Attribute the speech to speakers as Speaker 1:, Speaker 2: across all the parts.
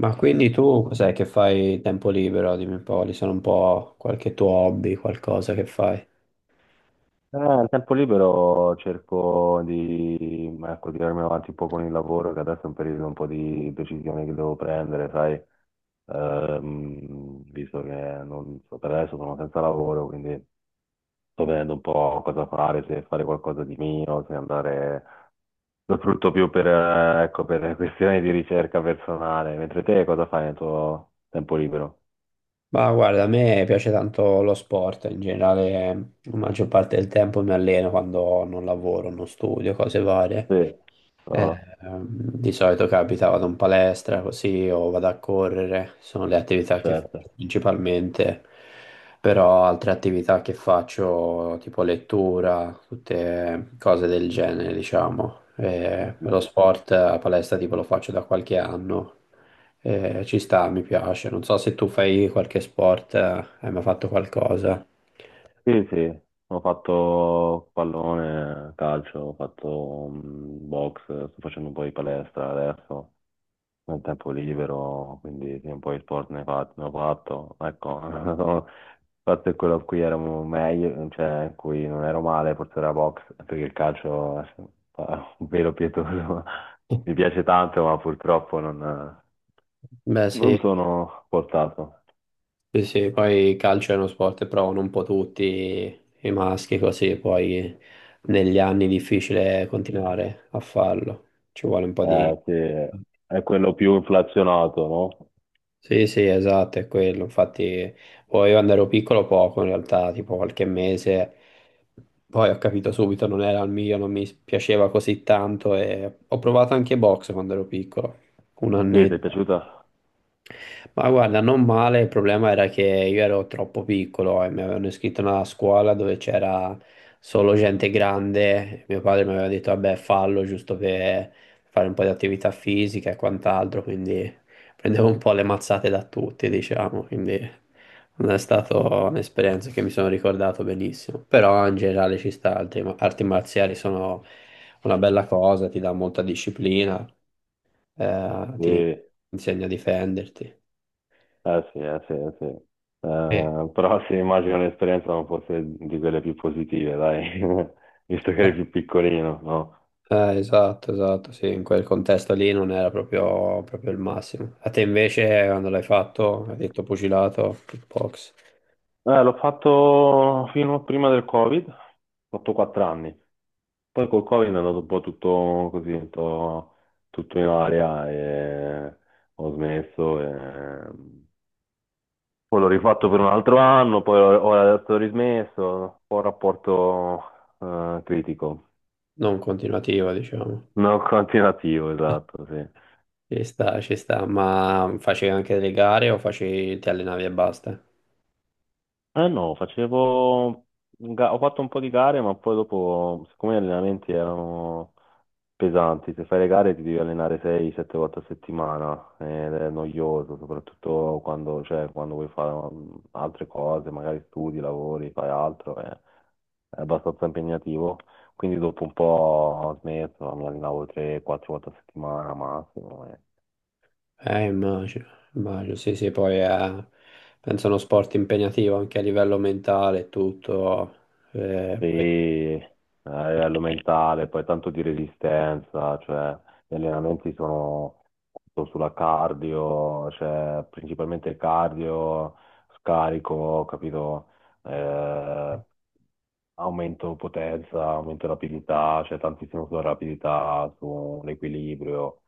Speaker 1: Ma quindi tu cos'è che fai tempo libero? Dimmi un po', quali sono un po' qualche tuo hobby, qualcosa che fai?
Speaker 2: Al tempo libero cerco di, ecco, tirarmi avanti un po' con il lavoro, che adesso è un periodo un po' di decisione che devo prendere, sai. Visto che non so, per adesso sono senza lavoro, quindi sto vedendo un po' cosa fare, se fare qualcosa di mio, se andare, lo sfrutto più per, ecco, per questioni di ricerca personale. Mentre te cosa fai nel tuo tempo libero?
Speaker 1: Ma guarda, a me piace tanto lo sport, in generale la maggior parte del tempo mi alleno quando non lavoro, non studio, cose varie.
Speaker 2: Sì.
Speaker 1: Eh,
Speaker 2: No,
Speaker 1: ehm, di solito capita, vado in palestra così o vado a correre, sono le attività che faccio
Speaker 2: certo.
Speaker 1: principalmente, però altre attività che faccio tipo lettura, tutte cose del genere, diciamo. Lo sport a palestra tipo lo faccio da qualche anno. Ci sta, mi piace. Non so se tu fai qualche sport, hai mai fatto qualcosa?
Speaker 2: Sì, sì, ho fatto pallone, calcio, ho fatto box, sto facendo un po' di palestra adesso, nel tempo libero, quindi sì, un po' di sport ne, ne ho fatto. Ecco, il fatto è quello a cui ero meglio, cioè in cui non ero male, forse era box, perché il calcio è un velo pietoso. Mi piace tanto, ma purtroppo non,
Speaker 1: Beh, sì.
Speaker 2: non sono portato.
Speaker 1: Sì, sì, poi il calcio è uno sport che provano un po' tutti i maschi così, poi negli anni è difficile continuare a farlo, ci vuole un po' di.
Speaker 2: Eh sì, è quello più inflazionato, no?
Speaker 1: Sì, sì, esatto, è quello, infatti poi io quando ero piccolo poco in realtà, tipo qualche mese, poi ho capito subito non era il mio, non mi piaceva così tanto e ho provato anche box quando ero piccolo, un
Speaker 2: Sì, ti è
Speaker 1: annetto.
Speaker 2: piaciuta?
Speaker 1: Ma guarda, non male, il problema era che io ero troppo piccolo e mi avevano iscritto a una scuola dove c'era solo gente grande. Mio padre mi aveva detto, vabbè, fallo giusto per fare un po' di attività fisica e quant'altro, quindi prendevo un po' le mazzate da tutti, diciamo, quindi non è stata un'esperienza che mi sono ricordato benissimo. Però in generale ci sta, altre arti marziali sono una bella cosa, ti dà molta disciplina,
Speaker 2: Sì,
Speaker 1: ti
Speaker 2: eh
Speaker 1: insegna a difenderti.
Speaker 2: sì, eh sì, eh sì.
Speaker 1: Sì.
Speaker 2: Però sì, immagino l'esperienza non fosse di quelle più positive, dai, visto che eri più piccolino, no?
Speaker 1: Esatto, esatto, sì, in quel contesto lì non era proprio, proprio il massimo. A te invece, quando l'hai fatto, hai detto pugilato, kickbox,
Speaker 2: L'ho fatto fino prima del Covid, ho fatto 4 anni, poi col Covid è andato un po' tutto così, un po' tutto in aria e ho smesso. Poi l'ho rifatto per un altro anno, poi ora adesso ho rismesso, un po' rapporto critico,
Speaker 1: non continuativa, diciamo.
Speaker 2: non continuativo, esatto, sì.
Speaker 1: Ci sta, ma facevi anche delle gare o facevi, ti allenavi e basta?
Speaker 2: Eh no, ho fatto un po' di gare, ma poi dopo, siccome gli allenamenti erano pesanti, se fai le gare ti devi allenare 6-7 volte a settimana ed è noioso, soprattutto quando, cioè, quando vuoi fare altre cose, magari studi, lavori, fai altro, è abbastanza impegnativo. Quindi dopo un po' ho smesso, mi allenavo 3-4 volte a settimana massimo.
Speaker 1: Immagino, immagino, sì, sì, poi penso uno sport impegnativo anche a livello mentale e tutto,
Speaker 2: Sì,
Speaker 1: poi.
Speaker 2: a livello mentale, poi tanto di resistenza, cioè gli allenamenti sono tutto sulla cardio, cioè principalmente cardio, scarico, capito? Eh, Aumento potenza, aumento rapidità, cioè tantissimo sulla rapidità, sull'equilibrio,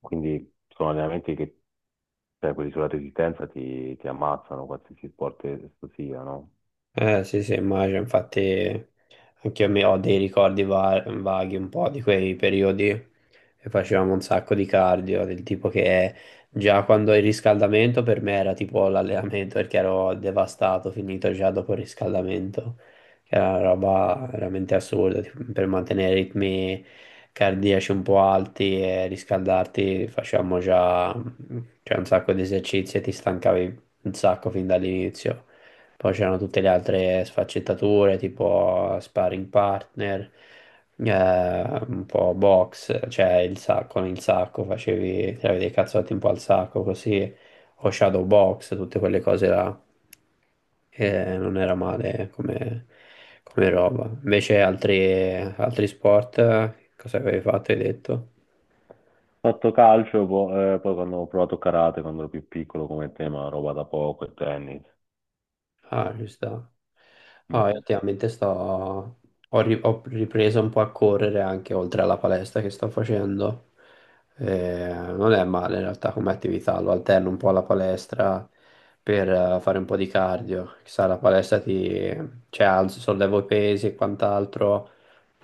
Speaker 2: quindi sono allenamenti che, cioè quelli sulla resistenza ti ammazzano, qualsiasi sport esso sia, no?
Speaker 1: Sì, sì, immagino, infatti anche io mi ho dei ricordi vaghi un po' di quei periodi che facevamo un sacco di cardio, del tipo che già quando il riscaldamento per me era tipo l'allenamento perché ero devastato, finito già dopo il riscaldamento, che era una roba veramente assurda, tipo, per mantenere i ritmi cardiaci un po' alti e riscaldarti facevamo già, cioè, un sacco di esercizi e ti stancavi un sacco fin dall'inizio. Poi c'erano tutte le altre sfaccettature, tipo sparring partner, eh, un po' box, cioè il sacco, con il sacco, facevi, tiravi dei cazzotti un po' al sacco, così, o shadow box, tutte quelle cose là. E non era male come, come roba. Invece altri sport, cosa avevi fatto, hai detto?
Speaker 2: Fatto calcio, poi quando ho provato karate, quando ero più piccolo come tema, roba da poco e tennis.
Speaker 1: Ah, ci sta. Ah, io
Speaker 2: Mm.
Speaker 1: ultimamente ho ripreso un po' a correre anche oltre alla palestra che sto facendo. Non è male in realtà come attività, lo alterno un po' alla palestra per fare un po' di cardio. Chissà, la palestra cioè, sollevo i pesi e quant'altro,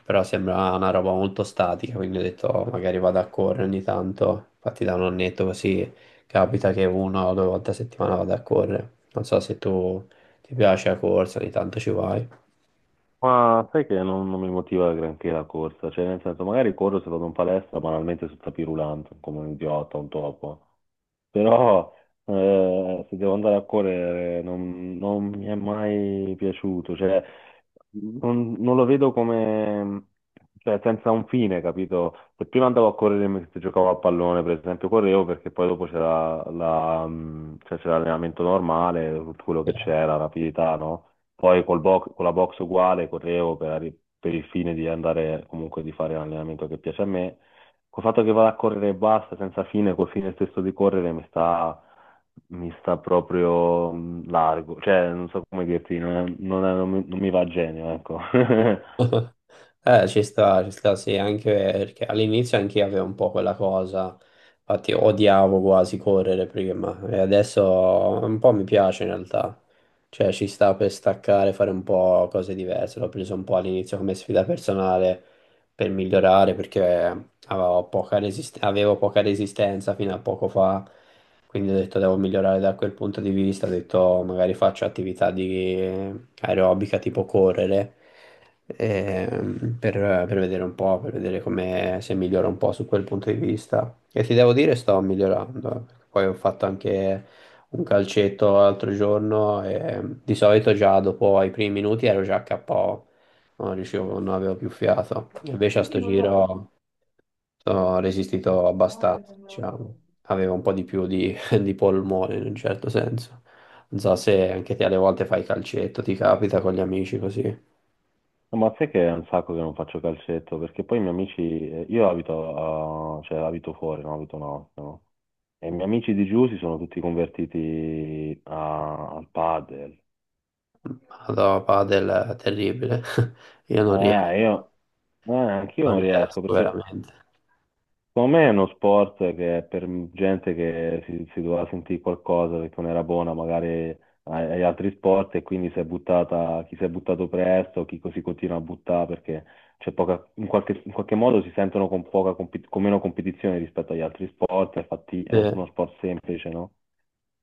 Speaker 1: però sembra una roba molto statica, quindi ho detto: "Oh, magari vado a correre ogni tanto." Infatti da un annetto così capita che una o due volte a settimana vado a correre. Non so se ti piace la corsa, ogni tanto ci vai.
Speaker 2: Ma sai che non mi motiva granché la corsa, cioè nel senso magari corro se vado in palestra banalmente sul tapis roulant, come un idiota, un topo. Però se devo andare a correre non mi è mai piaciuto, cioè non lo vedo come, cioè senza un fine, capito? Se prima andavo a correre mentre giocavo a pallone, per esempio, correvo perché poi dopo c'era la, cioè, c'era l'allenamento normale, tutto quello che c'era, rapidità, no? Poi col box, con la box uguale correvo per, per il fine di andare comunque di fare l'allenamento che piace a me. Col fatto che vado a correre e basta, senza fine, col fine stesso di correre mi sta proprio largo. Cioè, non so come dirti, non mi va a genio, ecco.
Speaker 1: Ci sta, ci sta, sì, anche perché all'inizio anch'io avevo un po' quella cosa, infatti odiavo quasi correre prima e adesso un po' mi piace in realtà, cioè ci sta per staccare, fare un po' cose diverse, l'ho preso un po' all'inizio come sfida personale per migliorare perché avevo poca resistenza fino a poco fa, quindi ho detto devo migliorare da quel punto di vista, ho detto magari faccio attività di aerobica tipo correre ehm, per, per, vedere un po', per vedere come se migliora un po' su quel punto di vista. E ti devo dire, sto migliorando. Poi ho fatto anche un calcetto l'altro giorno e di solito già dopo i primi minuti ero già KO, non riuscivo, non avevo più fiato. Invece a sto giro ho resistito abbastanza, diciamo. Avevo un po' di più di, di polmone in un certo senso. Non so se anche te alle volte fai calcetto, ti capita con gli amici così.
Speaker 2: No, ma sai che è un sacco che non faccio calcetto, perché poi i miei amici, io abito, cioè, abito fuori, no? Abito no, no. E i miei amici di giù si sono tutti convertiti al padel.
Speaker 1: Madonna, padel è terribile. Io non riesco,
Speaker 2: Eh, io, Anch'io
Speaker 1: non
Speaker 2: non riesco
Speaker 1: riesco
Speaker 2: perché.
Speaker 1: veramente.
Speaker 2: Secondo me è uno sport che è per gente che si doveva sentire qualcosa perché non era buona magari agli altri sport e quindi si è buttata, chi si è buttato presto, chi si continua a buttare perché c'è poca, in qualche modo si sentono con, poca, con meno competizione rispetto agli altri sport, infatti è
Speaker 1: Eh,
Speaker 2: uno sport semplice, no?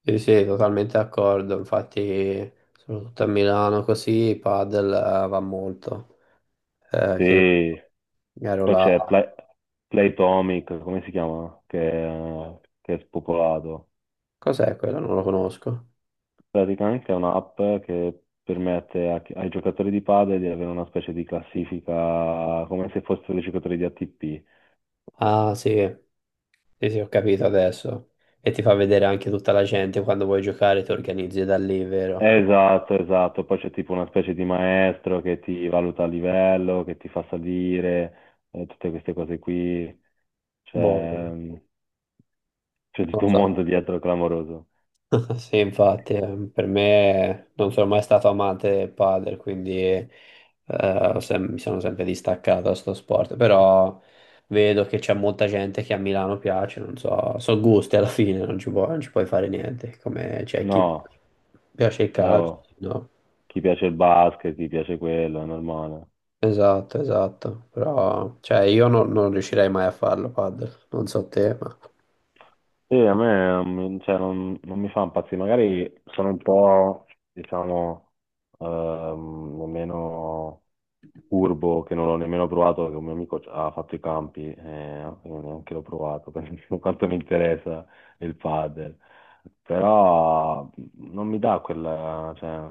Speaker 1: Sì, sì, totalmente d'accordo. Infatti, soprattutto a Milano così, padel va molto. Che
Speaker 2: Sì.
Speaker 1: ero
Speaker 2: Poi
Speaker 1: là.
Speaker 2: c'è Playtomic, come si chiama? Che è spopolato.
Speaker 1: Cos'è quello? Non lo conosco.
Speaker 2: Praticamente è un'app che permette a ai giocatori di padel di avere una specie di classifica come se fossero dei giocatori di ATP.
Speaker 1: Ah, sì, sì, sì, ho capito adesso. E ti fa vedere anche tutta la gente quando vuoi giocare, ti organizzi da lì, vero?
Speaker 2: Esatto, esatto. Poi c'è tipo una specie di maestro che ti valuta a livello, che ti fa salire, tutte queste cose qui.
Speaker 1: Boh,
Speaker 2: C'è
Speaker 1: non
Speaker 2: c'è
Speaker 1: lo
Speaker 2: tutto un
Speaker 1: so.
Speaker 2: mondo dietro clamoroso.
Speaker 1: Sì, infatti, per me non sono mai stato amante del padel, quindi mi sono sempre distaccato da sto sport, però vedo che c'è molta gente che a Milano piace, non so, sono gusti alla fine, non ci puoi fare niente, come c'è chi
Speaker 2: No,
Speaker 1: piace il calcio,
Speaker 2: oh,
Speaker 1: no?
Speaker 2: chi piace il basket, chi piace quello, è normale.
Speaker 1: Esatto, esatto, però cioè, io non riuscirei mai a farlo padel, non so te, ma.
Speaker 2: Sì, a me non mi- cioè, non mi fa impazzire, magari sono un po', diciamo, meno curvo che non l'ho nemmeno provato, perché un mio amico ha fatto i campi e io neanche l'ho provato, per quanto mi interessa il padel, però non mi dà quella, cioè,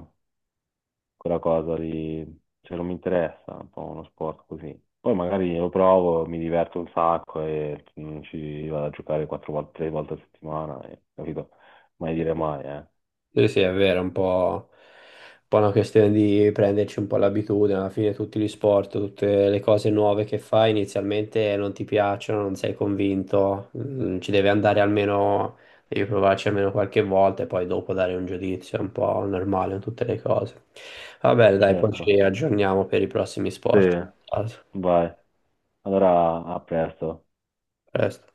Speaker 2: quella cosa lì, cioè non mi interessa un po' uno sport così. Poi magari lo provo, mi diverto un sacco e ci vado a giocare 4 volte, 3 volte a settimana, capito? Mai dire mai, eh.
Speaker 1: Sì, sì, è vero, è un po', una questione di prenderci un po' l'abitudine, alla fine tutti gli sport, tutte le cose nuove che fai inizialmente non ti piacciono, non sei convinto, ci devi andare almeno, devi provarci almeno qualche volta e poi dopo dare un giudizio, è un po' normale in tutte le cose. Va bene, dai, poi
Speaker 2: Certo.
Speaker 1: ci aggiorniamo per i prossimi
Speaker 2: Sì,
Speaker 1: sport. Ciao, a
Speaker 2: vai. Allora, a presto.
Speaker 1: presto.